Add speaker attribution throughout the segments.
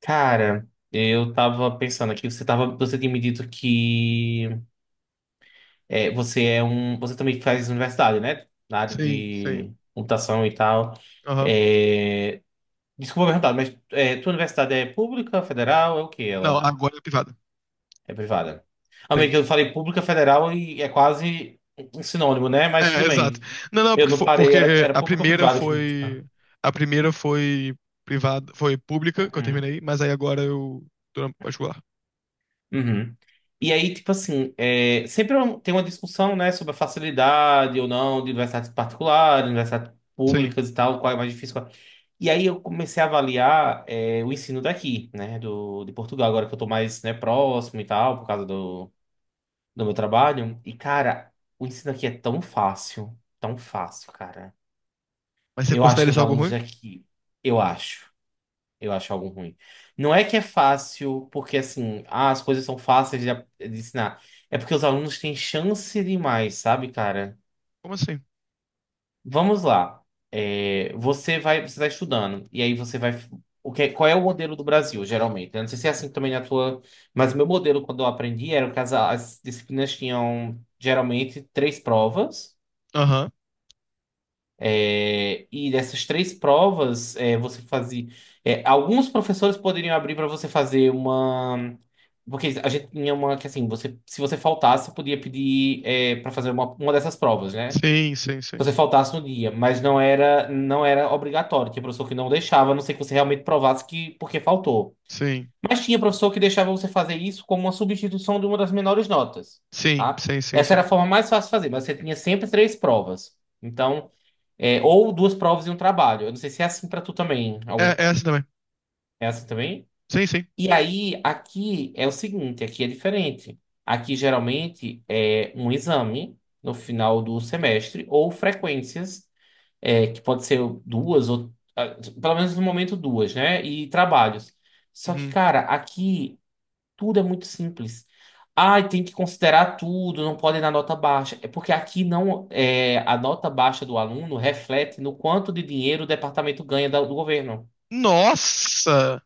Speaker 1: Cara, eu tava pensando aqui, você tinha me dito que é, você é você também faz universidade, né? Na área
Speaker 2: Sim, sim.
Speaker 1: de computação e tal.
Speaker 2: Aham.
Speaker 1: É, Desculpa perguntar, mas tua universidade é pública, federal, é o que
Speaker 2: Não,
Speaker 1: ela?
Speaker 2: agora é privada.
Speaker 1: É privada.
Speaker 2: Tem.
Speaker 1: Amigo, eu falei pública, federal e é quase um sinônimo, né? Mas
Speaker 2: É,
Speaker 1: tudo
Speaker 2: exato.
Speaker 1: bem.
Speaker 2: Não, não,
Speaker 1: Eu
Speaker 2: porque,
Speaker 1: não parei, era,
Speaker 2: porque
Speaker 1: era
Speaker 2: a
Speaker 1: pública ou
Speaker 2: primeira
Speaker 1: privada.
Speaker 2: foi. A primeira foi privada, foi pública, que eu
Speaker 1: Uhum.
Speaker 2: terminei, mas aí agora eu tô na particular.
Speaker 1: Uhum. E aí, tipo assim, tem uma discussão, né, sobre a facilidade ou não de universidades particulares, universidades
Speaker 2: Sim.
Speaker 1: públicas e tal, qual é mais difícil. E aí eu comecei a avaliar o ensino daqui, né, de Portugal, agora que eu tô mais, né, próximo e tal, por causa do meu trabalho. E, cara, o ensino aqui é tão fácil, cara.
Speaker 2: Mas você
Speaker 1: Eu acho
Speaker 2: considera
Speaker 1: que
Speaker 2: isso
Speaker 1: os
Speaker 2: algo
Speaker 1: alunos
Speaker 2: ruim?
Speaker 1: daqui, eu acho. Eu acho algo ruim. Não é que é fácil, porque assim, as coisas são fáceis de ensinar. É porque os alunos têm chance demais, sabe, cara?
Speaker 2: Como assim?
Speaker 1: Vamos lá. Você vai, você está estudando, e aí você vai. Qual é o modelo do Brasil geralmente, né? Não sei se é assim também na tua. Mas o meu modelo, quando eu aprendi, era que as disciplinas tinham geralmente três provas.
Speaker 2: Aham.
Speaker 1: E dessas três provas, você fazia. Alguns professores poderiam abrir para você fazer uma. Porque a gente tinha uma que assim, se você faltasse, podia pedir para fazer uma dessas provas, né?
Speaker 2: Sim, sim,
Speaker 1: Se
Speaker 2: sim.
Speaker 1: você faltasse no dia, mas não era obrigatório. Tinha professor que não deixava, a não ser que você realmente provasse que porque faltou.
Speaker 2: Sim.
Speaker 1: Mas tinha professor que deixava você fazer isso como uma substituição de uma das menores notas,
Speaker 2: Sim,
Speaker 1: tá?
Speaker 2: sim, sim,
Speaker 1: Essa era a
Speaker 2: sim.
Speaker 1: forma mais fácil de fazer, mas você tinha sempre três provas. Então. Ou duas provas e um trabalho. Eu não sei se é assim pra tu também.
Speaker 2: É, é essa também.
Speaker 1: É assim também?
Speaker 2: Sim, sim.
Speaker 1: E aí, aqui é o seguinte, aqui é diferente. Aqui geralmente é um exame no final do semestre ou frequências, que pode ser duas ou pelo menos no momento duas, né? E trabalhos. Só que,
Speaker 2: Uhum.
Speaker 1: cara, aqui tudo é muito simples. Ai, tem que considerar tudo, não pode dar nota baixa. É porque aqui não é a nota baixa do aluno reflete no quanto de dinheiro o departamento ganha do governo.
Speaker 2: Nossa!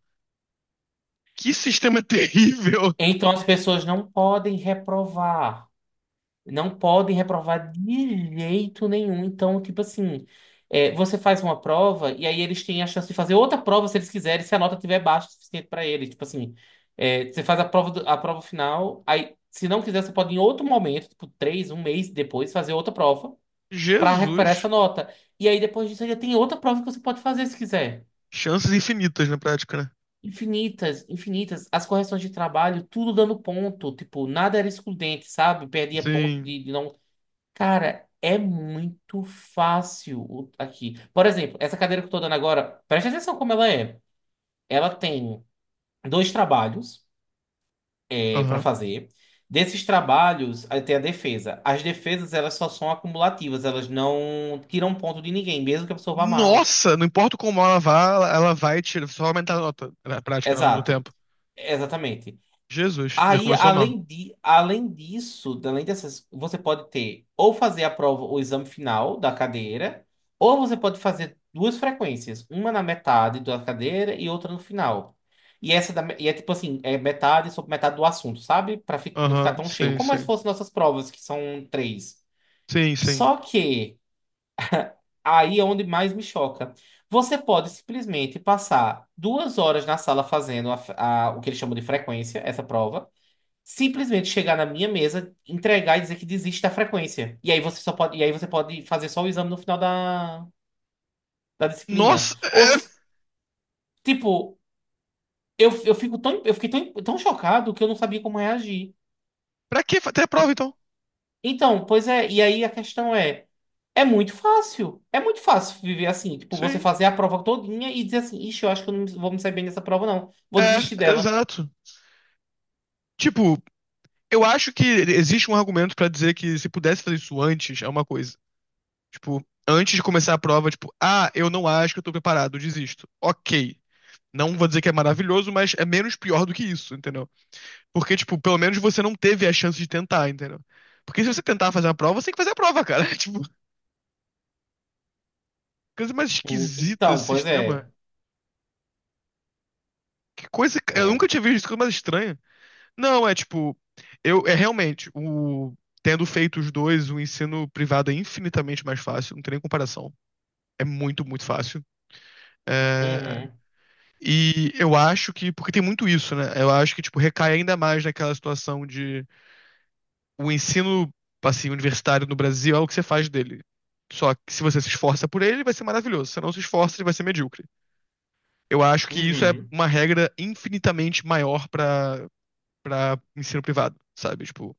Speaker 2: Que sistema terrível!
Speaker 1: Então as pessoas não podem reprovar. Não podem reprovar de jeito nenhum. Então, tipo assim, você faz uma prova e aí eles têm a chance de fazer outra prova se eles quiserem, se a nota tiver baixa o suficiente para eles. Tipo assim, você faz a prova, a prova final, aí se não quiser, você pode em outro momento, tipo três, um mês depois, fazer outra prova para recuperar essa
Speaker 2: Jesus!
Speaker 1: nota. E aí depois disso ainda tem outra prova que você pode fazer se quiser.
Speaker 2: Chances infinitas na prática, né?
Speaker 1: Infinitas, infinitas. As correções de trabalho, tudo dando ponto. Tipo, nada era excludente, sabe? Perdia ponto
Speaker 2: Sim.
Speaker 1: de não. Cara, é muito fácil aqui. Por exemplo, essa cadeira que eu tô dando agora, preste atenção como ela é. Ela tem dois trabalhos para
Speaker 2: Aham.
Speaker 1: fazer. Desses trabalhos, aí tem a defesa. As defesas, elas só são acumulativas, elas não tiram ponto de ninguém, mesmo que a pessoa vá mal.
Speaker 2: Nossa, não importa como ela vá, ela vai tirar, só aumentar a nota na prática, né, ao longo do
Speaker 1: Exato.
Speaker 2: tempo.
Speaker 1: Exatamente.
Speaker 2: Jesus, já
Speaker 1: Aí,
Speaker 2: começou mal.
Speaker 1: além disso, além dessas, você pode ter ou fazer a prova, o exame final da cadeira, ou você pode fazer duas frequências, uma na metade da cadeira e outra no final. E é tipo assim, é metade sobre metade do assunto, sabe? Para não ficar
Speaker 2: Aham,
Speaker 1: tão cheio.
Speaker 2: sim,
Speaker 1: Como se
Speaker 2: sim.
Speaker 1: fossem nossas provas, que são três.
Speaker 2: Sim, sim.
Speaker 1: Só que aí é onde mais me choca. Você pode simplesmente passar 2 horas na sala fazendo o que eles chamam de frequência, essa prova simplesmente chegar na minha mesa, entregar e dizer que desiste da frequência. E aí você pode fazer só o exame no final da disciplina.
Speaker 2: Nossa, é,
Speaker 1: Tipo, eu fico eu fiquei tão, tão chocado que eu não sabia como reagir.
Speaker 2: pra que até a prova então?
Speaker 1: Então, pois é, e aí a questão é, é muito fácil. É muito fácil viver assim, tipo, você
Speaker 2: Sim,
Speaker 1: fazer a prova todinha e dizer assim, ixi, eu acho que eu não vou me sair bem nessa prova, não. Vou
Speaker 2: é,
Speaker 1: desistir dela.
Speaker 2: exato. Tipo, eu acho que existe um argumento pra dizer que se pudesse fazer isso antes, é uma coisa. Tipo, antes de começar a prova, tipo, ah, eu não acho que eu tô preparado, desisto. Ok. Não vou dizer que é maravilhoso, mas é menos pior do que isso, entendeu? Porque, tipo, pelo menos você não teve a chance de tentar, entendeu? Porque se você tentar fazer a prova, você tem que fazer a prova, cara. Tipo, coisa mais
Speaker 1: Hum.
Speaker 2: esquisita esse
Speaker 1: Então, pois
Speaker 2: sistema.
Speaker 1: é.
Speaker 2: Que coisa. Eu
Speaker 1: É.
Speaker 2: nunca tinha visto isso, coisa mais estranha. Não, é tipo. Eu, é realmente. O, tendo feito os dois, o ensino privado é infinitamente mais fácil, não tem nem comparação. É muito, muito fácil. É,
Speaker 1: Uhum.
Speaker 2: e eu acho que. Porque tem muito isso, né? Eu acho que, tipo, recai ainda mais naquela situação de. O ensino assim, universitário no Brasil é o que você faz dele. Só que se você se esforça por ele, vai ser maravilhoso. Se não se esforça, ele vai ser medíocre. Eu acho que isso é
Speaker 1: Uhum.
Speaker 2: uma regra infinitamente maior para ensino privado, sabe? Tipo,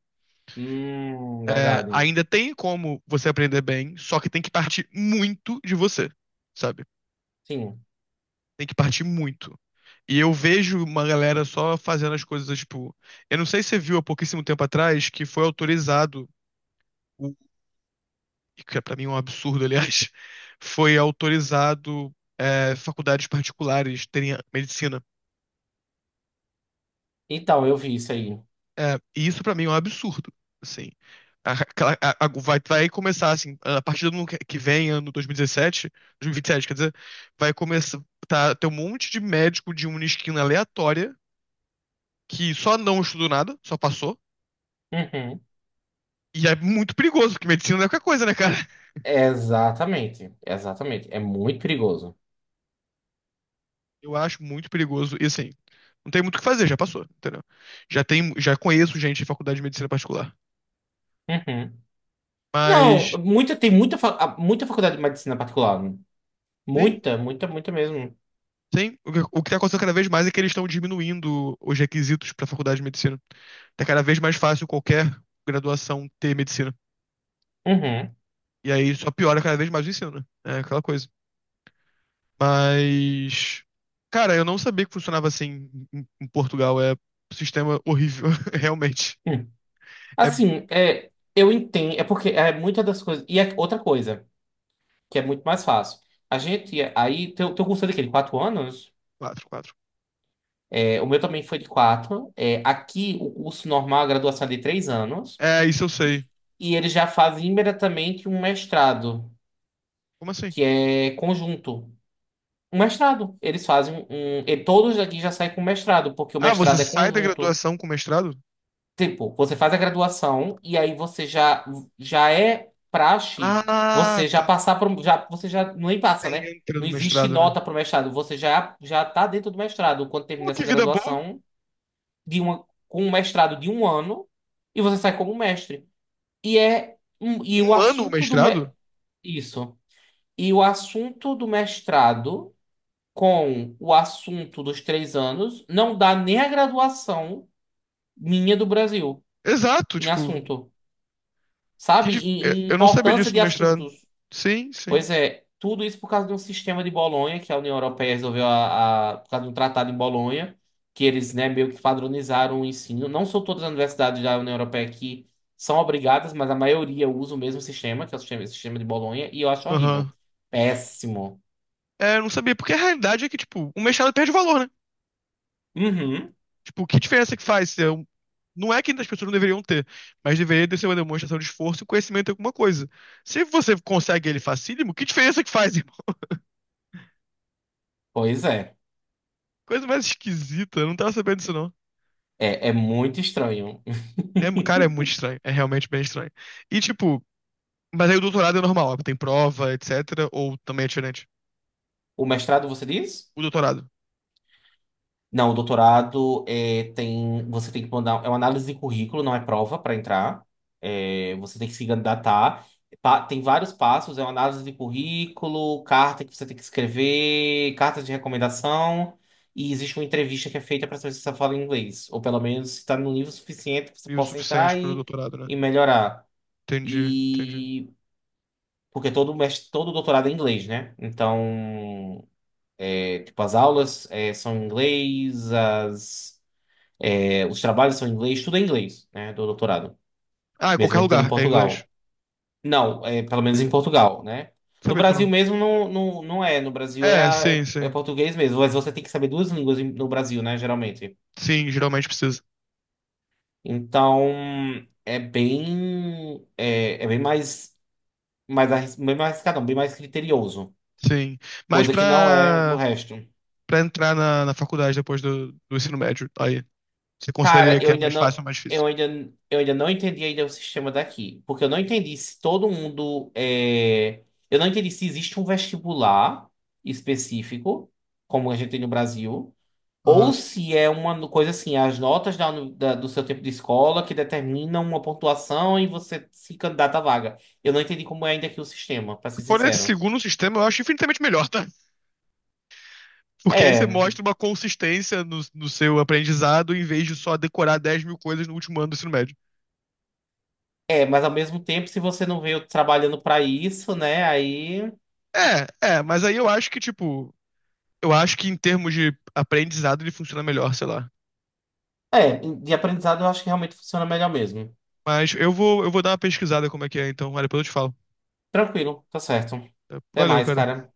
Speaker 2: é,
Speaker 1: Verdade.
Speaker 2: ainda tem como você aprender bem, só que tem que partir muito de você, sabe?
Speaker 1: Sim.
Speaker 2: Tem que partir muito. E eu vejo uma galera só fazendo as coisas, tipo, eu não sei se você viu há pouquíssimo tempo atrás que foi autorizado o e que é para mim um absurdo, aliás, foi autorizado, é, faculdades particulares terem medicina.
Speaker 1: Então, eu vi isso aí.
Speaker 2: É, e isso para mim é um absurdo, assim. Vai começar assim, a partir do ano que vem, ano dois mil e dezessete, 2027, quer dizer, vai começar, tá, ter um monte de médico de uma esquina aleatória que só não estudou nada, só passou.
Speaker 1: Uhum.
Speaker 2: E é muito perigoso, porque medicina não é qualquer coisa, né, cara?
Speaker 1: Exatamente, exatamente. É muito perigoso.
Speaker 2: Eu acho muito perigoso. E assim, não tem muito o que fazer, já passou, entendeu? Já tem, já conheço gente de faculdade de medicina particular.
Speaker 1: Uhum. Não,
Speaker 2: Mas
Speaker 1: tem muita, muita faculdade de medicina particular.
Speaker 2: sim,
Speaker 1: Muita, muita, muita mesmo.
Speaker 2: sim. O que tá acontecendo cada vez mais é que eles estão diminuindo os requisitos para faculdade de medicina. Tá cada vez mais fácil qualquer graduação ter medicina.
Speaker 1: Uhum.
Speaker 2: E aí só piora cada vez mais o ensino, né? É aquela coisa. Mas, cara, eu não sabia que funcionava assim em Portugal. É um sistema horrível, realmente.
Speaker 1: Hum.
Speaker 2: É
Speaker 1: Assim, eu entendo, é porque é muita das coisas. E é outra coisa, que é muito mais fácil. Teu, curso é de quê? De 4 anos?
Speaker 2: quatro, quatro.
Speaker 1: O meu também foi de quatro. Aqui, o curso normal, a graduação é de 3 anos.
Speaker 2: É, isso eu sei.
Speaker 1: E, e eles já fazem imediatamente um mestrado.
Speaker 2: Como assim?
Speaker 1: Que é conjunto. Um mestrado. Eles fazem um. E todos daqui já saem com mestrado, porque o
Speaker 2: Ah, você
Speaker 1: mestrado é
Speaker 2: sai da
Speaker 1: conjunto.
Speaker 2: graduação com mestrado?
Speaker 1: Tipo, você faz a graduação e aí você já é praxe,
Speaker 2: Ah,
Speaker 1: você já
Speaker 2: tá.
Speaker 1: passar por. Você já nem passa, né?
Speaker 2: Você entra
Speaker 1: Não
Speaker 2: no
Speaker 1: existe
Speaker 2: mestrado, né?
Speaker 1: nota para o mestrado. Você já tá dentro do mestrado quando
Speaker 2: Pô,
Speaker 1: termina essa
Speaker 2: que vida boa.
Speaker 1: graduação com um mestrado de um ano e você sai como mestre. E é. Um- E o
Speaker 2: Um ano o
Speaker 1: assunto do. Me-
Speaker 2: mestrado?
Speaker 1: Isso. E o assunto do mestrado com o assunto dos 3 anos, não dá nem a graduação minha do Brasil
Speaker 2: Exato,
Speaker 1: em
Speaker 2: tipo.
Speaker 1: assunto, sabe?
Speaker 2: É,
Speaker 1: Em
Speaker 2: eu não sabia
Speaker 1: importância
Speaker 2: disso
Speaker 1: de
Speaker 2: no mestrado.
Speaker 1: assuntos.
Speaker 2: Sim, sim.
Speaker 1: Pois é, tudo isso por causa de um sistema de Bolonha que a União Europeia resolveu por causa de um tratado em Bolonha, que eles, né, meio que padronizaram o ensino. Não são todas as universidades da União Europeia que são obrigadas, mas a maioria usa o mesmo sistema, que é o sistema, esse sistema de Bolonha, e eu acho horrível.
Speaker 2: Aham.
Speaker 1: Péssimo.
Speaker 2: É, eu não sabia, porque a realidade é que, tipo, o mestrado perde valor, né?
Speaker 1: Uhum.
Speaker 2: Tipo, que diferença que faz? Se é um- Não é que as pessoas não deveriam ter, mas deveria ter sido uma demonstração de esforço e conhecimento em alguma coisa. Se você consegue ele facílimo, que diferença que faz, irmão?
Speaker 1: Pois é.
Speaker 2: Coisa mais esquisita, eu não tava sabendo disso, não.
Speaker 1: É muito estranho.
Speaker 2: É, cara, é muito estranho. É realmente bem estranho. E, tipo, mas aí o doutorado é normal, tem prova, etc. Ou também é diferente?
Speaker 1: O mestrado, você diz?
Speaker 2: O doutorado.
Speaker 1: Não, o doutorado você tem que mandar, é uma análise de currículo, não é prova para entrar. Você tem que se candidatar. Tem vários passos, é uma análise de currículo, carta que você tem que escrever, carta de recomendação, e existe uma entrevista que é feita para saber se você fala inglês, ou pelo menos se está no nível suficiente que você
Speaker 2: E o
Speaker 1: possa
Speaker 2: suficiente
Speaker 1: entrar
Speaker 2: pro
Speaker 1: e,
Speaker 2: doutorado, né?
Speaker 1: e melhorar.
Speaker 2: Entendi, entendi.
Speaker 1: E porque todo doutorado é inglês, né? Então. Tipo, as aulas são em inglês, os trabalhos são em inglês, tudo é em inglês, né, do doutorado,
Speaker 2: Ah, em
Speaker 1: mesmo
Speaker 2: qualquer
Speaker 1: entrando em
Speaker 2: lugar, é inglês.
Speaker 1: Portugal. Não, pelo menos em Portugal, né? No
Speaker 2: Sabia disso
Speaker 1: Brasil
Speaker 2: não?
Speaker 1: mesmo não, não, não é, no Brasil
Speaker 2: É, sim,
Speaker 1: é
Speaker 2: sim.
Speaker 1: português mesmo, mas você tem que saber duas línguas no Brasil, né, geralmente.
Speaker 2: Sim, geralmente precisa.
Speaker 1: Então, é bem mais, bem mais arriscado, não, bem mais criterioso,
Speaker 2: Sim. Mas
Speaker 1: coisa que não é do
Speaker 2: pra,
Speaker 1: resto.
Speaker 2: pra entrar na faculdade depois do ensino médio, aí, você consideraria
Speaker 1: Cara,
Speaker 2: que é mais fácil ou mais difícil?
Speaker 1: eu ainda não entendi ainda o sistema daqui, porque eu não entendi se existe um vestibular específico, como a gente tem no Brasil,
Speaker 2: Aham.
Speaker 1: ou se é uma no- coisa assim, as notas do seu tempo de escola que determinam uma pontuação e você se candidata à vaga. Eu não entendi como é ainda aqui o sistema, pra
Speaker 2: Se
Speaker 1: ser
Speaker 2: for nesse
Speaker 1: sincero.
Speaker 2: segundo sistema, eu acho infinitamente melhor, tá? Porque aí você
Speaker 1: É,
Speaker 2: mostra uma consistência no seu aprendizado em vez de só decorar 10 mil coisas no último ano do ensino médio.
Speaker 1: mas ao mesmo tempo, se você não veio trabalhando pra isso, né, aí.
Speaker 2: É, é, mas aí eu acho que, tipo, eu acho que em termos de aprendizado ele funciona melhor, sei lá.
Speaker 1: De aprendizado eu acho que realmente funciona melhor mesmo.
Speaker 2: Mas eu vou dar uma pesquisada como é que é, então, olha, depois eu te falo.
Speaker 1: Tranquilo, tá certo. Até
Speaker 2: Valeu,
Speaker 1: mais,
Speaker 2: cara.
Speaker 1: cara.